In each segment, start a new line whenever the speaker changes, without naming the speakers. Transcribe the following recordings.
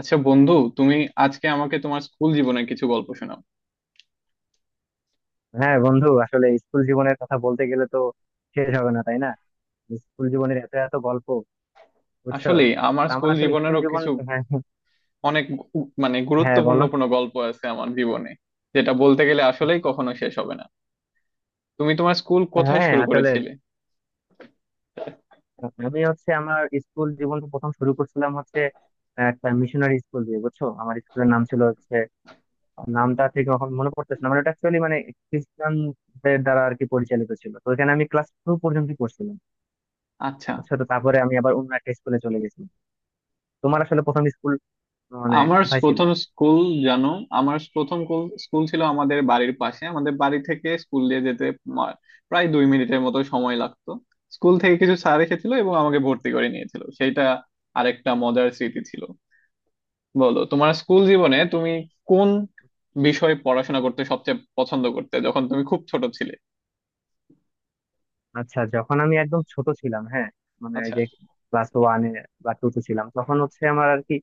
আচ্ছা বন্ধু, তুমি আজকে আমাকে তোমার স্কুল জীবনের কিছু গল্প শোনাও।
হ্যাঁ বন্ধু, আসলে স্কুল জীবনের কথা বলতে গেলে তো শেষ হবে না, তাই না? স্কুল জীবনের এত এত গল্প, বুঝছো।
আসলে আমার
তা আমার
স্কুল
আসলে স্কুল
জীবনেরও
জীবন,
কিছু
হ্যাঁ।
অনেক মানে
হ্যাঁ,
গুরুত্বপূর্ণ
বলো।
কোনো গল্প আছে আমার জীবনে, যেটা বলতে গেলে আসলেই কখনো শেষ হবে না। তুমি তোমার স্কুল কোথায়
হ্যাঁ
শুরু
আসলে,
করেছিলে?
আমি হচ্ছে আমার স্কুল জীবন প্রথম শুরু করছিলাম হচ্ছে একটা মিশনারি স্কুল দিয়ে, বুঝছো। আমার স্কুলের নাম ছিল হচ্ছে, নামটা ঠিক এখন মনে পড়তেছে না। মানে এটা অ্যাকচুয়ালি মানে খ্রিস্টানদের দ্বারা আর কি পরিচালিত ছিল। তো ওখানে আমি ক্লাস টু পর্যন্ত পড়ছিলাম,
আচ্ছা,
বুঝছো। তো তারপরে আমি আবার অন্য একটা স্কুলে চলে গেছি। তোমার আসলে প্রথম স্কুল মানে
আমার
কোথায় ছিল?
প্রথম স্কুল। জানো, আমার প্রথম স্কুল ছিল আমাদের বাড়ির পাশে। আমাদের বাড়ি থেকে স্কুল দিয়ে যেতে মা- প্রায় 2 মিনিটের মতো সময় লাগতো। স্কুল থেকে কিছু স্যার এসেছিল এবং আমাকে ভর্তি করে নিয়েছিল, সেটা আরেকটা মজার স্মৃতি ছিল। বলো, তোমার স্কুল জীবনে তুমি কোন বিষয়ে পড়াশোনা করতে সবচেয়ে পছন্দ করতে যখন তুমি খুব ছোট ছিলে?
আচ্ছা, যখন আমি একদম ছোট ছিলাম, হ্যাঁ, মানে এই
আচ্ছা।
যে ক্লাস ওয়ানে বা টু তে ছিলাম, তখন হচ্ছে আমার আর কি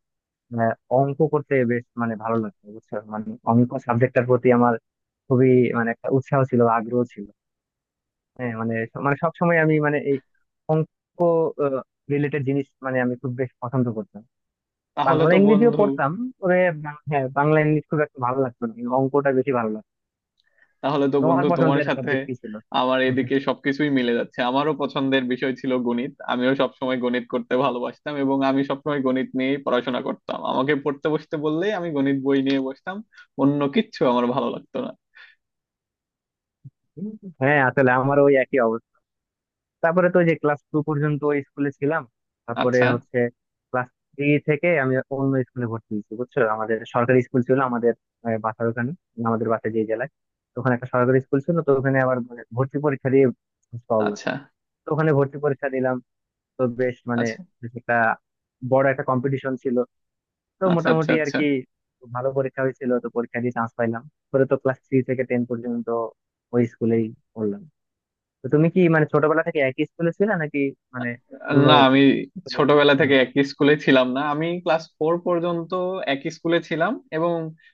আহ, অঙ্ক করতে বেশ মানে ভালো লাগতো, বুঝছো। মানে অঙ্ক সাবজেক্টটার প্রতি আমার খুবই মানে একটা উৎসাহ ছিল, আগ্রহ ছিল। হ্যাঁ মানে, মানে সব সময় আমি মানে এই অঙ্ক রিলেটেড জিনিস মানে আমি খুব বেশ পছন্দ করতাম।
তাহলে
বাংলা
তো
ইংরেজিও
বন্ধু
পড়তাম, তবে হ্যাঁ, বাংলা ইংলিশ খুব একটা ভালো লাগতো না, কিন্তু অঙ্কটা বেশি ভালো লাগতো।
তাহলে তো
তোমার
বন্ধু তোমার
পছন্দের
সাথে
সাবজেক্ট কি ছিল?
আমার এদিকে সবকিছুই মিলে যাচ্ছে। আমারও পছন্দের বিষয় ছিল গণিত, আমিও সবসময় গণিত করতে ভালোবাসতাম এবং আমি সবসময় গণিত নিয়েই পড়াশোনা করতাম। আমাকে পড়তে বসতে বললেই আমি গণিত বই নিয়ে বসতাম, অন্য কিচ্ছু আমার ভালো লাগতো না।
হ্যাঁ আসলে আমার ওই একই অবস্থা। তারপরে তো ওই যে ক্লাস টু পর্যন্ত ওই স্কুলে ছিলাম, তারপরে
আচ্ছা
হচ্ছে ক্লাস থ্রি থেকে আমি অন্য স্কুলে ভর্তি হয়েছি, বুঝছো। আমাদের সরকারি স্কুল ছিল আমাদের বাসার ওখানে, আমাদের বাসায় যে জেলায়। তো ওখানে একটা সরকারি স্কুল ছিল, তো ওখানে আবার মানে ভর্তি পরীক্ষা দিয়ে পাওয়া।
আচ্ছা
তো ওখানে ভর্তি পরীক্ষা দিলাম, তো বেশ মানে
আচ্ছা,
বেশ একটা বড় একটা কম্পিটিশন ছিল। তো
আচ্ছা আচ্ছা
মোটামুটি আর
আচ্ছা।
কি ভালো পরীক্ষা হয়েছিল, তো পরীক্ষা দিয়ে চান্স পাইলাম। পরে তো ক্লাস থ্রি থেকে টেন পর্যন্ত ওই স্কুলেই পড়লাম। তো তুমি কি মানে ছোটবেলা থেকে একই স্কুলে ছিলে, নাকি মানে অন্য
না, আমি
school এ
ছোটবেলা
ছিলে?
থেকে একই স্কুলে ছিলাম না। আমি ক্লাস ফোর পর্যন্ত একই স্কুলে ছিলাম এবং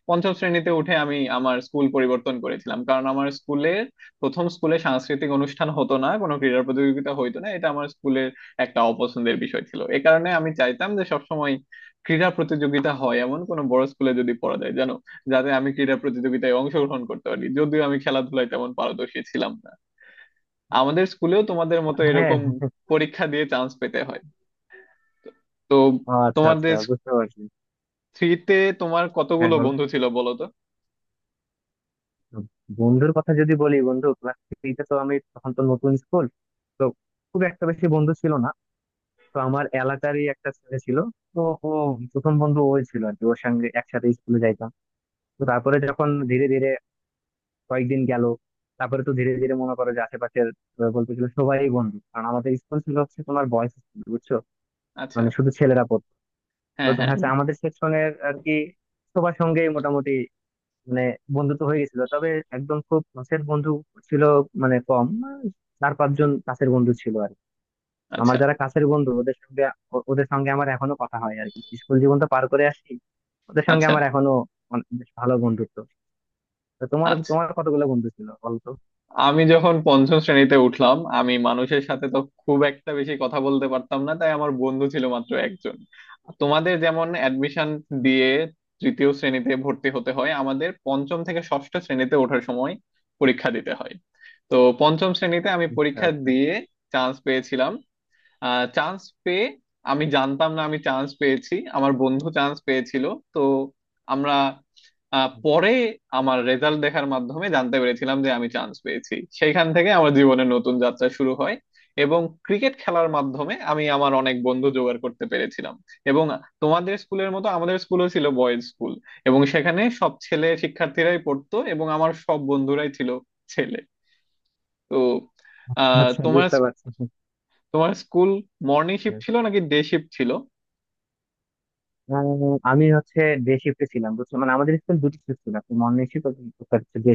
পঞ্চম শ্রেণীতে উঠে আমি আমার স্কুল পরিবর্তন করেছিলাম, কারণ আমার স্কুলের প্রথম স্কুলে সাংস্কৃতিক অনুষ্ঠান হতো না, কোনো ক্রীড়া প্রতিযোগিতা হইতো না। এটা আমার স্কুলের একটা অপছন্দের বিষয় ছিল। এ কারণে আমি চাইতাম যে সবসময় ক্রীড়া প্রতিযোগিতা হয় এমন কোনো বড় স্কুলে যদি পড়া যায়, জানো, যাতে আমি ক্রীড়া প্রতিযোগিতায় অংশগ্রহণ করতে পারি, যদিও আমি খেলাধুলায় তেমন পারদর্শী ছিলাম না। আমাদের স্কুলেও তোমাদের মতো
হ্যাঁ,
এরকম পরীক্ষা দিয়ে চান্স পেতে হয়। তো
ও আচ্ছা আচ্ছা,
তোমাদের
বুঝতে পারছি।
থ্রিতে তোমার
হ্যাঁ
কতগুলো
বলো।
বন্ধু ছিল, বলো তো?
বন্ধুর কথা যদি বলি, বন্ধু ক্লাস থ্রিতে তো আমি তখন তো নতুন স্কুল, তো খুব একটা বেশি বন্ধু ছিল না। তো আমার এলাকারই একটা ছেলে ছিল, তো ও প্রথম বন্ধু ওই ছিল আর কি। ওর সঙ্গে একসাথে স্কুলে যাইতাম। তো তারপরে যখন ধীরে ধীরে কয়েকদিন গেল, তারপরে তো ধীরে ধীরে মনে করো যে আশেপাশের বলতে গেলে সবাই বন্ধু, কারণ আমাদের স্কুল ছিল হচ্ছে তোমার বয়েজ স্কুল, বুঝছো।
আচ্ছা।
মানে শুধু ছেলেরা পড়তো। তো
হ্যাঁ,
দেখা
হ্যাঁ।
যাচ্ছে আমাদের সেকশনের আর কি সবার সঙ্গেই মোটামুটি মানে বন্ধুত্ব হয়ে গেছিল, তবে একদম খুব কাছের বন্ধু ছিল, মানে কম 4-5 জন কাছের বন্ধু ছিল আর কি। আমার
আচ্ছা
যারা কাছের বন্ধু, ওদের সঙ্গে ওদের সঙ্গে আমার এখনো কথা হয় আর কি। স্কুল জীবন তো পার করে আসি, ওদের সঙ্গে
আচ্ছা
আমার এখনো অনেক বেশ ভালো বন্ধুত্ব। তো তোমার
আচ্ছা।
তোমার কতগুলো বন্ধু ছিল বলতো?
আমি যখন পঞ্চম শ্রেণীতে উঠলাম আমি মানুষের সাথে তো খুব একটা বেশি কথা বলতে পারতাম না, তাই আমার বন্ধু ছিল মাত্র একজন। তোমাদের যেমন অ্যাডমিশন দিয়ে তৃতীয় শ্রেণীতে ভর্তি হতে হয়, আমাদের পঞ্চম থেকে ষষ্ঠ শ্রেণীতে ওঠার সময় পরীক্ষা দিতে হয়। তো পঞ্চম শ্রেণীতে আমি
আচ্ছা
পরীক্ষা
আচ্ছা
দিয়ে চান্স পেয়েছিলাম। চান্স পেয়ে আমি জানতাম না আমি চান্স পেয়েছি, আমার বন্ধু চান্স পেয়েছিল। তো আমরা পরে আমার রেজাল্ট দেখার মাধ্যমে জানতে পেরেছিলাম যে আমি চান্স পেয়েছি। সেইখান থেকে আমার জীবনের নতুন যাত্রা শুরু হয় এবং ক্রিকেট খেলার মাধ্যমে আমি আমার অনেক বন্ধু জোগাড় করতে পেরেছিলাম। এবং তোমাদের স্কুলের মতো আমাদের স্কুলও ছিল বয়েজ স্কুল এবং সেখানে সব ছেলে শিক্ষার্থীরাই পড়তো এবং আমার সব বন্ধুরাই ছিল ছেলে। তো
আচ্ছা। আচ্ছা,
তোমার,
বুঝতে পারছি।
তোমার স্কুল মর্নিং শিফট ছিল নাকি ডে শিফট ছিল?
আহ, আমি হচ্ছে ডে শিফটে ছিলাম, বুঝছো। মানে আমাদের স্কুল দুটি শিফট ছিল, একটা মর্নিং শিফট, ডে।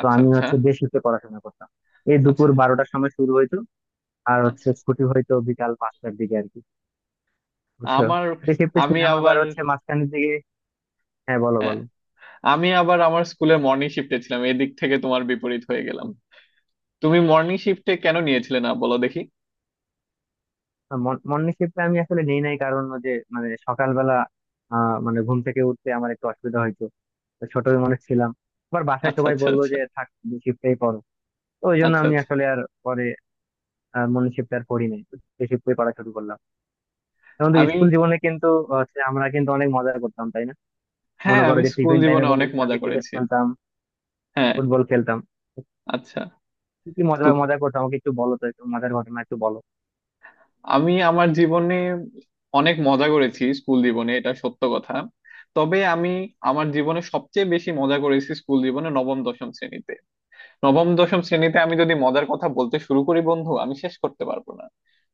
তো
আচ্ছা
আমি
আচ্ছা,
হচ্ছে দেশিতে পড়াশোনা করতাম, এই দুপুর
আচ্ছা
12টার সময় শুরু হইতো আর
আচ্ছা।
হচ্ছে ছুটি হইতো বিকাল 5টার দিকে আর কি, বুঝছো।
আমার
ডে শিফটে
আমি
ছিলাম আবার
আবার
হচ্ছে মাঝখানের দিকে। হ্যাঁ বলো
হ্যাঁ,
বলো।
আমি আবার আমার স্কুলে মর্নিং শিফটে ছিলাম, এদিক থেকে তোমার বিপরীত হয়ে গেলাম। তুমি মর্নিং শিফটে কেন নিয়েছিলে না, বলো দেখি?
তো মর্নিং শিফটে আমি আসলে নেই নাই, কারণ ওই যে মানে সকালবেলা মানে ঘুম থেকে উঠতে আমার একটু অসুবিধা হইতো। তো ছোট মানুষ ছিলাম, আবার বাসায়
আচ্ছা
সবাই
আচ্ছা
বললো
আচ্ছা,
যে থাক, শিফটেই পড়ো। তো ওই জন্য
আচ্ছা
আমি
আচ্ছা।
আসলে আর পরে মর্নিং শিফটে আর পড়ি নাই, ডে শিফটে পড়া শুরু করলাম। এখন তো
আমি।
স্কুল জীবনে কিন্তু হচ্ছে আমরা কিন্তু অনেক মজা করতাম, তাই না?
হ্যাঁ,
মনে করো
আমি
যে
স্কুল
টিফিন
জীবনে
টাইমে
অনেক
বন্ধুদের
মজা
সঙ্গে ক্রিকেট
করেছি।
খেলতাম,
হ্যাঁ।
ফুটবল খেলতাম।
আচ্ছা।
কি কি
তো
মজা মজা করতাম আমাকে একটু বলো তো, একটু মজার ঘটনা একটু বলো।
আমি আমার জীবনে অনেক মজা করেছি, স্কুল জীবনে, এটা সত্য কথা। তবে আমি আমার জীবনে সবচেয়ে বেশি মজা করেছি স্কুল জীবনে নবম দশম শ্রেণীতে। নবম দশম শ্রেণীতে আমি যদি মজার কথা বলতে শুরু করি বন্ধু, আমি শেষ করতে পারবো না।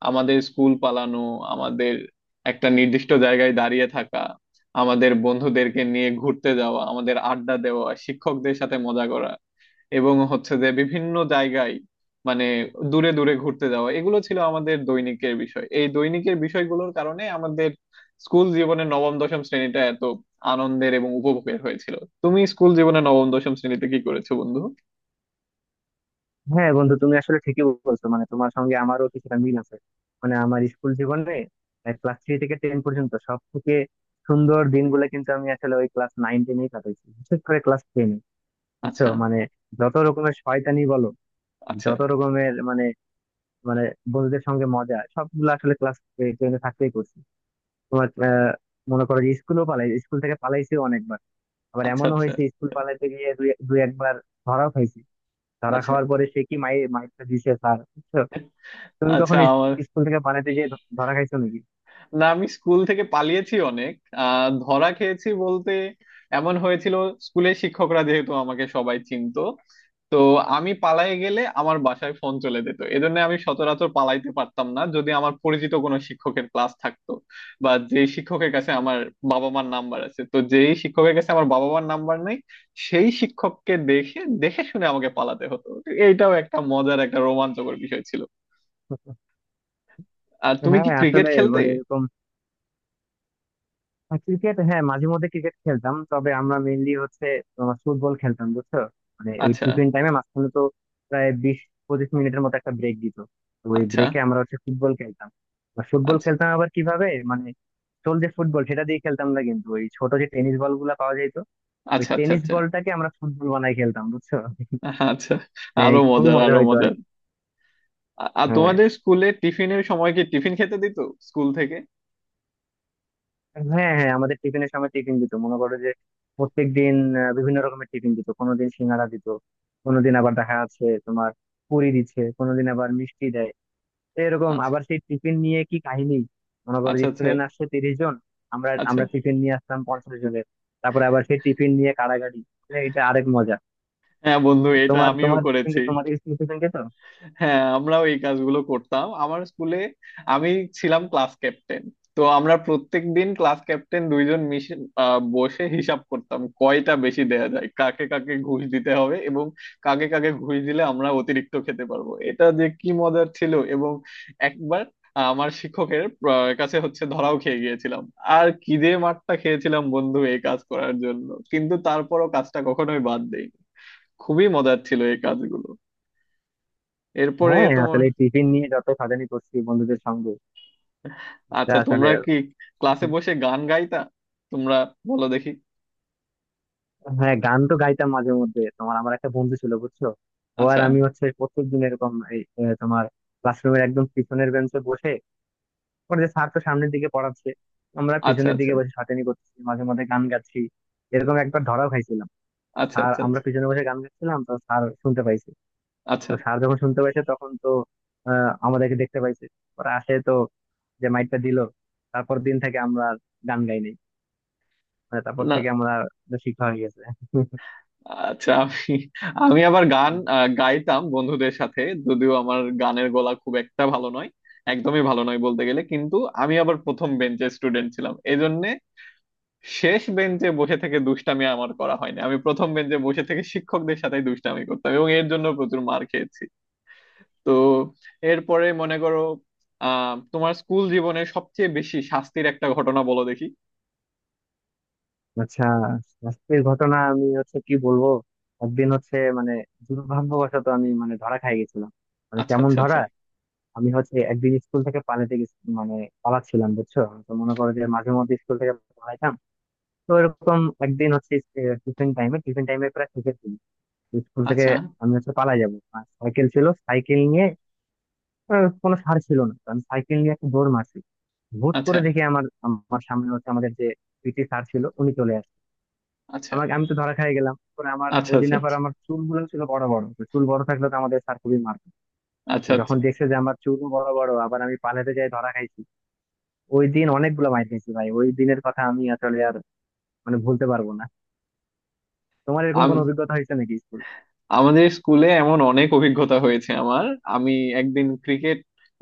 আমাদের স্কুল পালানো, আমাদের একটা নির্দিষ্ট জায়গায় দাঁড়িয়ে থাকা, আমাদের বন্ধুদেরকে নিয়ে ঘুরতে যাওয়া, আমাদের আড্ডা দেওয়া, শিক্ষকদের সাথে মজা করা এবং হচ্ছে যে বিভিন্ন জায়গায়, মানে দূরে দূরে ঘুরতে যাওয়া, এগুলো ছিল আমাদের দৈনিকের বিষয়। এই দৈনিকের বিষয়গুলোর কারণে আমাদের স্কুল জীবনে নবম দশম শ্রেণীটা এত আনন্দের এবং উপভোগের হয়েছিল। তুমি স্কুল জীবনে নবম দশম শ্রেণীতে কি করেছো বন্ধু?
হ্যাঁ বন্ধু, তুমি আসলে ঠিকই বলছো। মানে তোমার সঙ্গে আমারও কিছুটা মিল আছে। মানে আমার স্কুল জীবনে ক্লাস থ্রি থেকে টেন পর্যন্ত সব থেকে সুন্দর দিনগুলো কিন্তু আমি আসলে ওই ক্লাস নাইন টেনেই কাটাইছি, বিশেষ করে ক্লাস টেনে, বুঝছো।
আচ্ছা
মানে যত রকমের শয়তানি বলো আর
আচ্ছা
যত রকমের মানে, মানে বন্ধুদের সঙ্গে মজা সবগুলো আসলে ক্লাস টেনে থাকতেই করছি। তোমার মনে করো যে স্কুলও পালাই, স্কুল থেকে পালাইছি অনেক। আবার
আচ্ছা,
এমনও
আচ্ছা
হয়েছে স্কুল পালাতে গিয়ে দুই দুই একবার ধরা খাইছি। ধরা
আচ্ছা
খাওয়ার পরে সে কি মাইরটা দিছে স্যার, বুঝছো। তুমি
আচ্ছা।
কখন
আমার।
স্কুল থেকে পালাতে গিয়ে ধরা খাইছো নাকি?
না, আমি স্কুল থেকে পালিয়েছি অনেক। ধরা খেয়েছি বলতে এমন হয়েছিল, স্কুলের শিক্ষকরা যেহেতু আমাকে সবাই চিনতো, তো আমি পালাই গেলে আমার বাসায় ফোন চলে যেত, এজন্য আমি সচরাচর পালাইতে পারতাম না যদি আমার পরিচিত কোনো শিক্ষকের ক্লাস থাকতো। বা যেই শিক্ষকের কাছে আমার বাবা মার নাম্বার আছে, তো যেই শিক্ষকের কাছে আমার বাবা মার নাম্বার নেই সেই শিক্ষককে দেখে দেখে শুনে আমাকে পালাতে হতো। এইটাও একটা মজার একটা রোমাঞ্চকর বিষয় ছিল। আর তুমি
হ্যাঁ
কি ক্রিকেট
আসলে
খেলতে?
মানে এরকম ক্রিকেট, হ্যাঁ, মাঝে মধ্যে ক্রিকেট খেলতাম, তবে আমরা মেইনলি হচ্ছে তোমার ফুটবল খেলতাম, বুঝছো। মানে ওই
আচ্ছা
টিফিন টাইমে মাঝখানে তো প্রায় 20-25 মিনিটের মতো একটা ব্রেক দিত। তো ওই
আচ্ছা
ব্রেকে আমরা হচ্ছে ফুটবল খেলতাম। ফুটবল
আচ্ছা,
খেলতাম আবার কিভাবে মানে সোল যে ফুটবল সেটা দিয়ে খেলতাম না, কিন্তু ওই ছোট যে টেনিস বল গুলা পাওয়া যেত, ওই
আচ্ছা আচ্ছা
টেনিস
আচ্ছা।
বলটাকে আমরা ফুটবল বানাই খেলতাম, বুঝছো।
আহা, আচ্ছা।
মানে
আরো
খুবই
মজার,
মজা
আরো
হইতো আর
মজার।
কি।
আর
হ্যাঁ
তোমাদের স্কুলে টিফিনের সময় কি টিফিন খেতে দিত স্কুল থেকে?
হ্যাঁ, হ্যাঁ আমাদের টিফিনের সময় টিফিন দিত, মনে করো যে প্রত্যেক দিন বিভিন্ন রকমের টিফিন দিত। কোনোদিন সিঙ্গাড়া দিত, কোনোদিন আবার দেখা যাচ্ছে তোমার পুরি দিচ্ছে, কোনোদিন আবার মিষ্টি দেয়। তো এরকম
আচ্ছা
আবার সেই টিফিন নিয়ে কি কাহিনী। মনে করো
আচ্ছা আচ্ছা
স্টুডেন্ট আসছে 30 জন, আমরা
আচ্ছা।
আমরা টিফিন নিয়ে আসতাম 50 জনের, তারপরে আবার সেই টিফিন নিয়ে কাড়াকাড়ি। মানে এটা আরেক মজা।
হ্যাঁ বন্ধু,
তো
এটা
তোমার
আমিও
তোমার টিফিন,
করেছি।
তোমার স্কুল টিফিন দিত?
হ্যাঁ, আমরাও এই কাজগুলো করতাম আমার স্কুলে। আমি ছিলাম ক্লাস ক্যাপ্টেন। তো আমরা প্রত্যেক দিন ক্লাস ক্যাপ্টেন 2 জন মিশে বসে হিসাব করতাম কয়টা বেশি দেয়া যায়, কাকে কাকে ঘুষ দিতে হবে এবং কাকে কাকে ঘুষ দিলে আমরা অতিরিক্ত খেতে পারবো, এটা যে কি মজার ছিল। এবং একবার আমার শিক্ষকের কাছে হচ্ছে ধরাও খেয়ে গিয়েছিলাম, আর কি যে মারটা খেয়েছিলাম বন্ধু এই কাজ করার জন্য, কিন্তু তারপরও কাজটা কখনোই বাদ দেইনি। খুবই মজার ছিল এই কাজগুলো। এরপরে
হ্যাঁ
তোমার।
আসলে টিফিন নিয়ে যত সাজানি করছি বন্ধুদের সঙ্গে, এটা
আচ্ছা,
আসলে।
তোমরা কি ক্লাসে বসে গান গাইতা তোমরা, বলো দেখি?
হ্যাঁ গান তো গাইতাম মাঝে মধ্যে। তোমার আমার একটা বন্ধু ছিল, বুঝছো। ও আর
আচ্ছা
আমি হচ্ছে প্রত্যেকদিন এরকম এই তোমার ক্লাসরুমের একদম পিছনের বেঞ্চে বসে, ওর যে স্যার তো সামনের দিকে পড়াচ্ছে, আমরা
আচ্ছা
পিছনের
আচ্ছা,
দিকে বসে সাতেনি করছি, মাঝে মধ্যে গান গাচ্ছি। এরকম একবার ধরাও খাইছিলাম।
আচ্ছা
স্যার,
আচ্ছা
আমরা
আচ্ছা
পিছনে বসে গান গাচ্ছিলাম, তো স্যার শুনতে পাইছে। তো
আচ্ছা।
স্যার যখন শুনতে পাইছে তখন তো আমাদেরকে দেখতে পাইছে। ওরা আসে, তো যে মাইকটা দিল, তারপর দিন থেকে আমরা আর গান গাইনি। মানে তারপর
না।
থেকে আমরা শিক্ষা হয়ে গেছে।
আচ্ছা, আমি আমি আবার গান
হুম।
গাইতাম বন্ধুদের সাথে, যদিও আমার গানের গলা খুব একটা ভালো নয়, একদমই ভালো নয় বলতে গেলে। কিন্তু আমি আবার প্রথম বেঞ্চের স্টুডেন্ট ছিলাম, এজন্যে শেষ বেঞ্চে বসে থেকে দুষ্টামি আমার করা হয়নি। আমি প্রথম বেঞ্চে বসে থেকে শিক্ষকদের সাথে দুষ্টামি করতাম এবং এর জন্য প্রচুর মার খেয়েছি। তো এরপরে মনে করো তোমার স্কুল জীবনে সবচেয়ে বেশি শাস্তির একটা ঘটনা বলো দেখি।
আচ্ছা, শাস্তির ঘটনা আমি হচ্ছে কি বলবো। একদিন হচ্ছে মানে দুর্ভাগ্যবশত আমি মানে ধরা খাই গেছিলাম। মানে
আচ্ছা
কেমন
আচ্ছা আচ্ছা
ধরা, আমি হচ্ছে একদিন স্কুল থেকে মানে পালাচ্ছিলাম, বুঝছো। তো মনে করো যে মাঝে মধ্যে স্কুল থেকে পালাইতাম। তো এরকম একদিন হচ্ছে টিফিন টাইমে, টিফিন টাইমে প্রায় শিখেছি স্কুল থেকে।
আচ্ছা,
আমি হচ্ছে পালাই যাবো, আর সাইকেল ছিল, সাইকেল নিয়ে কোনো সার ছিল না, তো আমি সাইকেল নিয়ে একটা দৌড় মারছি। হুট
আচ্ছা
করে দেখি আমার আমার সামনে হচ্ছে আমাদের যে পিটি স্যার ছিল উনি চলে আসে।
আচ্ছা
আমাকে আমি তো ধরা খেয়ে গেলাম। পরে আমার
আচ্ছা
ওই দিন
আচ্ছা
আবার আমার চুলগুলো ছিল বড় বড়, তো চুল বড় থাকলে তো আমাদের স্যার খুবই মারতো। তো
আচ্ছা আচ্ছা।
যখন দেখছে যে আমার চুল বড় বড় আবার আমি পালাতে যাই, ধরা খাইছি। ওই দিন অনেকগুলো মাইর খেয়েছি ভাই, ওই দিনের কথা আমি আসলে আর মানে ভুলতে পারবো না। তোমার এরকম কোনো
আম-
অভিজ্ঞতা হয়েছে নাকি স্কুল?
আমাদের স্কুলে এমন অনেক অভিজ্ঞতা হয়েছে আমার। আমি একদিন ক্রিকেট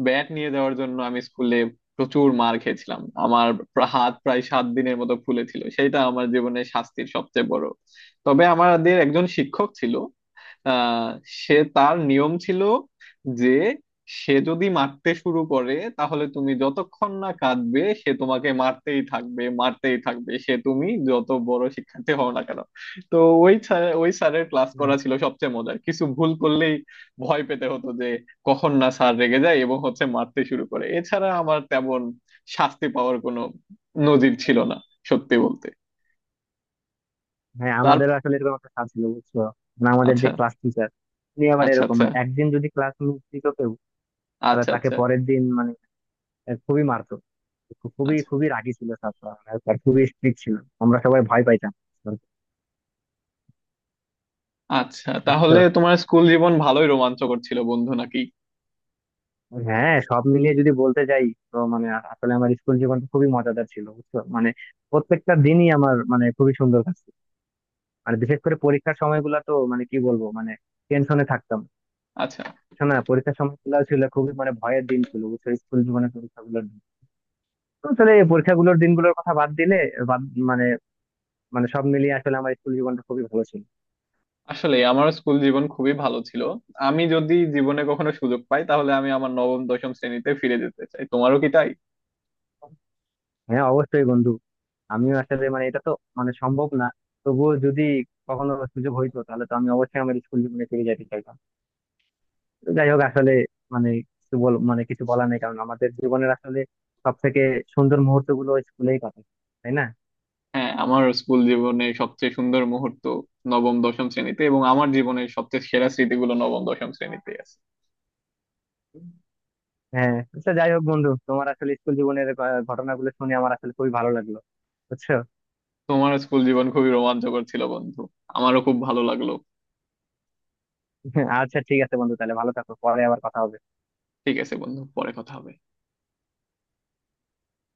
ব্যাট নিয়ে যাওয়ার জন্য আমি স্কুলে প্রচুর মার খেয়েছিলাম। আমার হাত প্রায় 7 দিনের মতো ফুলেছিল, সেটা আমার জীবনের শাস্তির সবচেয়ে বড়। তবে আমাদের একজন শিক্ষক ছিল, আহ সে, তার নিয়ম ছিল যে সে যদি মারতে শুরু করে তাহলে তুমি যতক্ষণ না কাঁদবে সে তোমাকে মারতেই থাকবে, মারতেই থাকবে সে, তুমি যত বড় শিক্ষার্থী হও না কেন। তো ওই স্যারের ক্লাস করা ছিল সবচেয়ে মজার। কিছু ভুল করলেই ভয় পেতে হতো যে কখন না স্যার রেগে যায় এবং হচ্ছে মারতে শুরু করে। এছাড়া আমার তেমন শাস্তি পাওয়ার কোনো নজির ছিল না, সত্যি বলতে।
হ্যাঁ
তার।
আমাদের আসলে এরকম একটা স্যার ছিল, বুঝছো। মানে আমাদের যে
আচ্ছা
ক্লাস টিচার, উনি আবার
আচ্ছা
এরকম
আচ্ছা,
মানে একদিন যদি ক্লাস মিস দিত কেউ তাহলে
আচ্ছা
তাকে
আচ্ছা
পরের দিন মানে খুবই মারতো। খুবই
আচ্ছা
খুবই রাগী ছিল স্যারটা, আর আর খুবই স্ট্রিক্ট ছিল। আমরা সবাই ভয় পাইতাম,
আচ্ছা।
বুঝছো।
তাহলে তোমার স্কুল জীবন ভালোই রোমাঞ্চকর ছিল বন্ধু, নাকি?
হ্যাঁ সব মিলিয়ে যদি বলতে যাই তো মানে আসলে আমার স্কুল জীবনটা খুবই মজাদার ছিল, বুঝছো। মানে প্রত্যেকটা দিনই আমার মানে খুবই সুন্দর কাটছে। মানে বিশেষ করে পরীক্ষার সময়গুলো তো মানে কি বলবো মানে, টেনশনে থাকতাম।
আচ্ছা।
শোনা, পরীক্ষার সময়গুলো ছিল খুবই মানে ভয়ের দিন ছিল, বুঝছো। স্কুল জীবনের পরীক্ষাগুলোর দিন, তো আসলে এই পরীক্ষাগুলোর দিনগুলোর কথা বাদ দিলে, বাদ মানে, মানে সব মিলিয়ে আসলে আমার স্কুল জীবনটা খুবই ভালো ছিল।
আসলে আমার স্কুল জীবন খুবই ভালো ছিল। আমি যদি জীবনে কখনো সুযোগ পাই তাহলে আমি আমার নবম দশম শ্রেণীতে ফিরে যেতে চাই। তোমারও কি তাই?
হ্যাঁ অবশ্যই বন্ধু, আমিও আসলে মানে এটা তো মানে সম্ভব না, তবুও যদি কখনো সুযোগ হইতো তাহলে তো আমি অবশ্যই আমার স্কুল জীবনে ফিরে যেতে চাইতাম। তো যাই হোক আসলে মানে কিছু বল মানে কিছু বলার নেই, কারণ আমাদের জীবনের আসলে সব থেকে সুন্দর মুহূর্ত গুলো স্কুলেই কাটে, তাই না?
হ্যাঁ, আমার স্কুল জীবনে সবচেয়ে সুন্দর মুহূর্ত নবম দশম শ্রেণীতে এবং আমার জীবনের সবচেয়ে সেরা স্মৃতিগুলো নবম দশম শ্রেণীতে আছে।
হ্যাঁ, আচ্ছা যাই হোক বন্ধু, তোমার আসলে স্কুল জীবনের ঘটনাগুলো শুনে আমার আসলে খুবই ভালো লাগলো, বুঝছো।
তোমার স্কুল জীবন খুবই রোমাঞ্চকর ছিল বন্ধু, আমারও খুব ভালো লাগলো।
আচ্ছা ঠিক আছে বন্ধু, তাহলে ভালো থাকো, পরে আবার কথা হবে।
ঠিক আছে বন্ধু, পরে কথা হবে।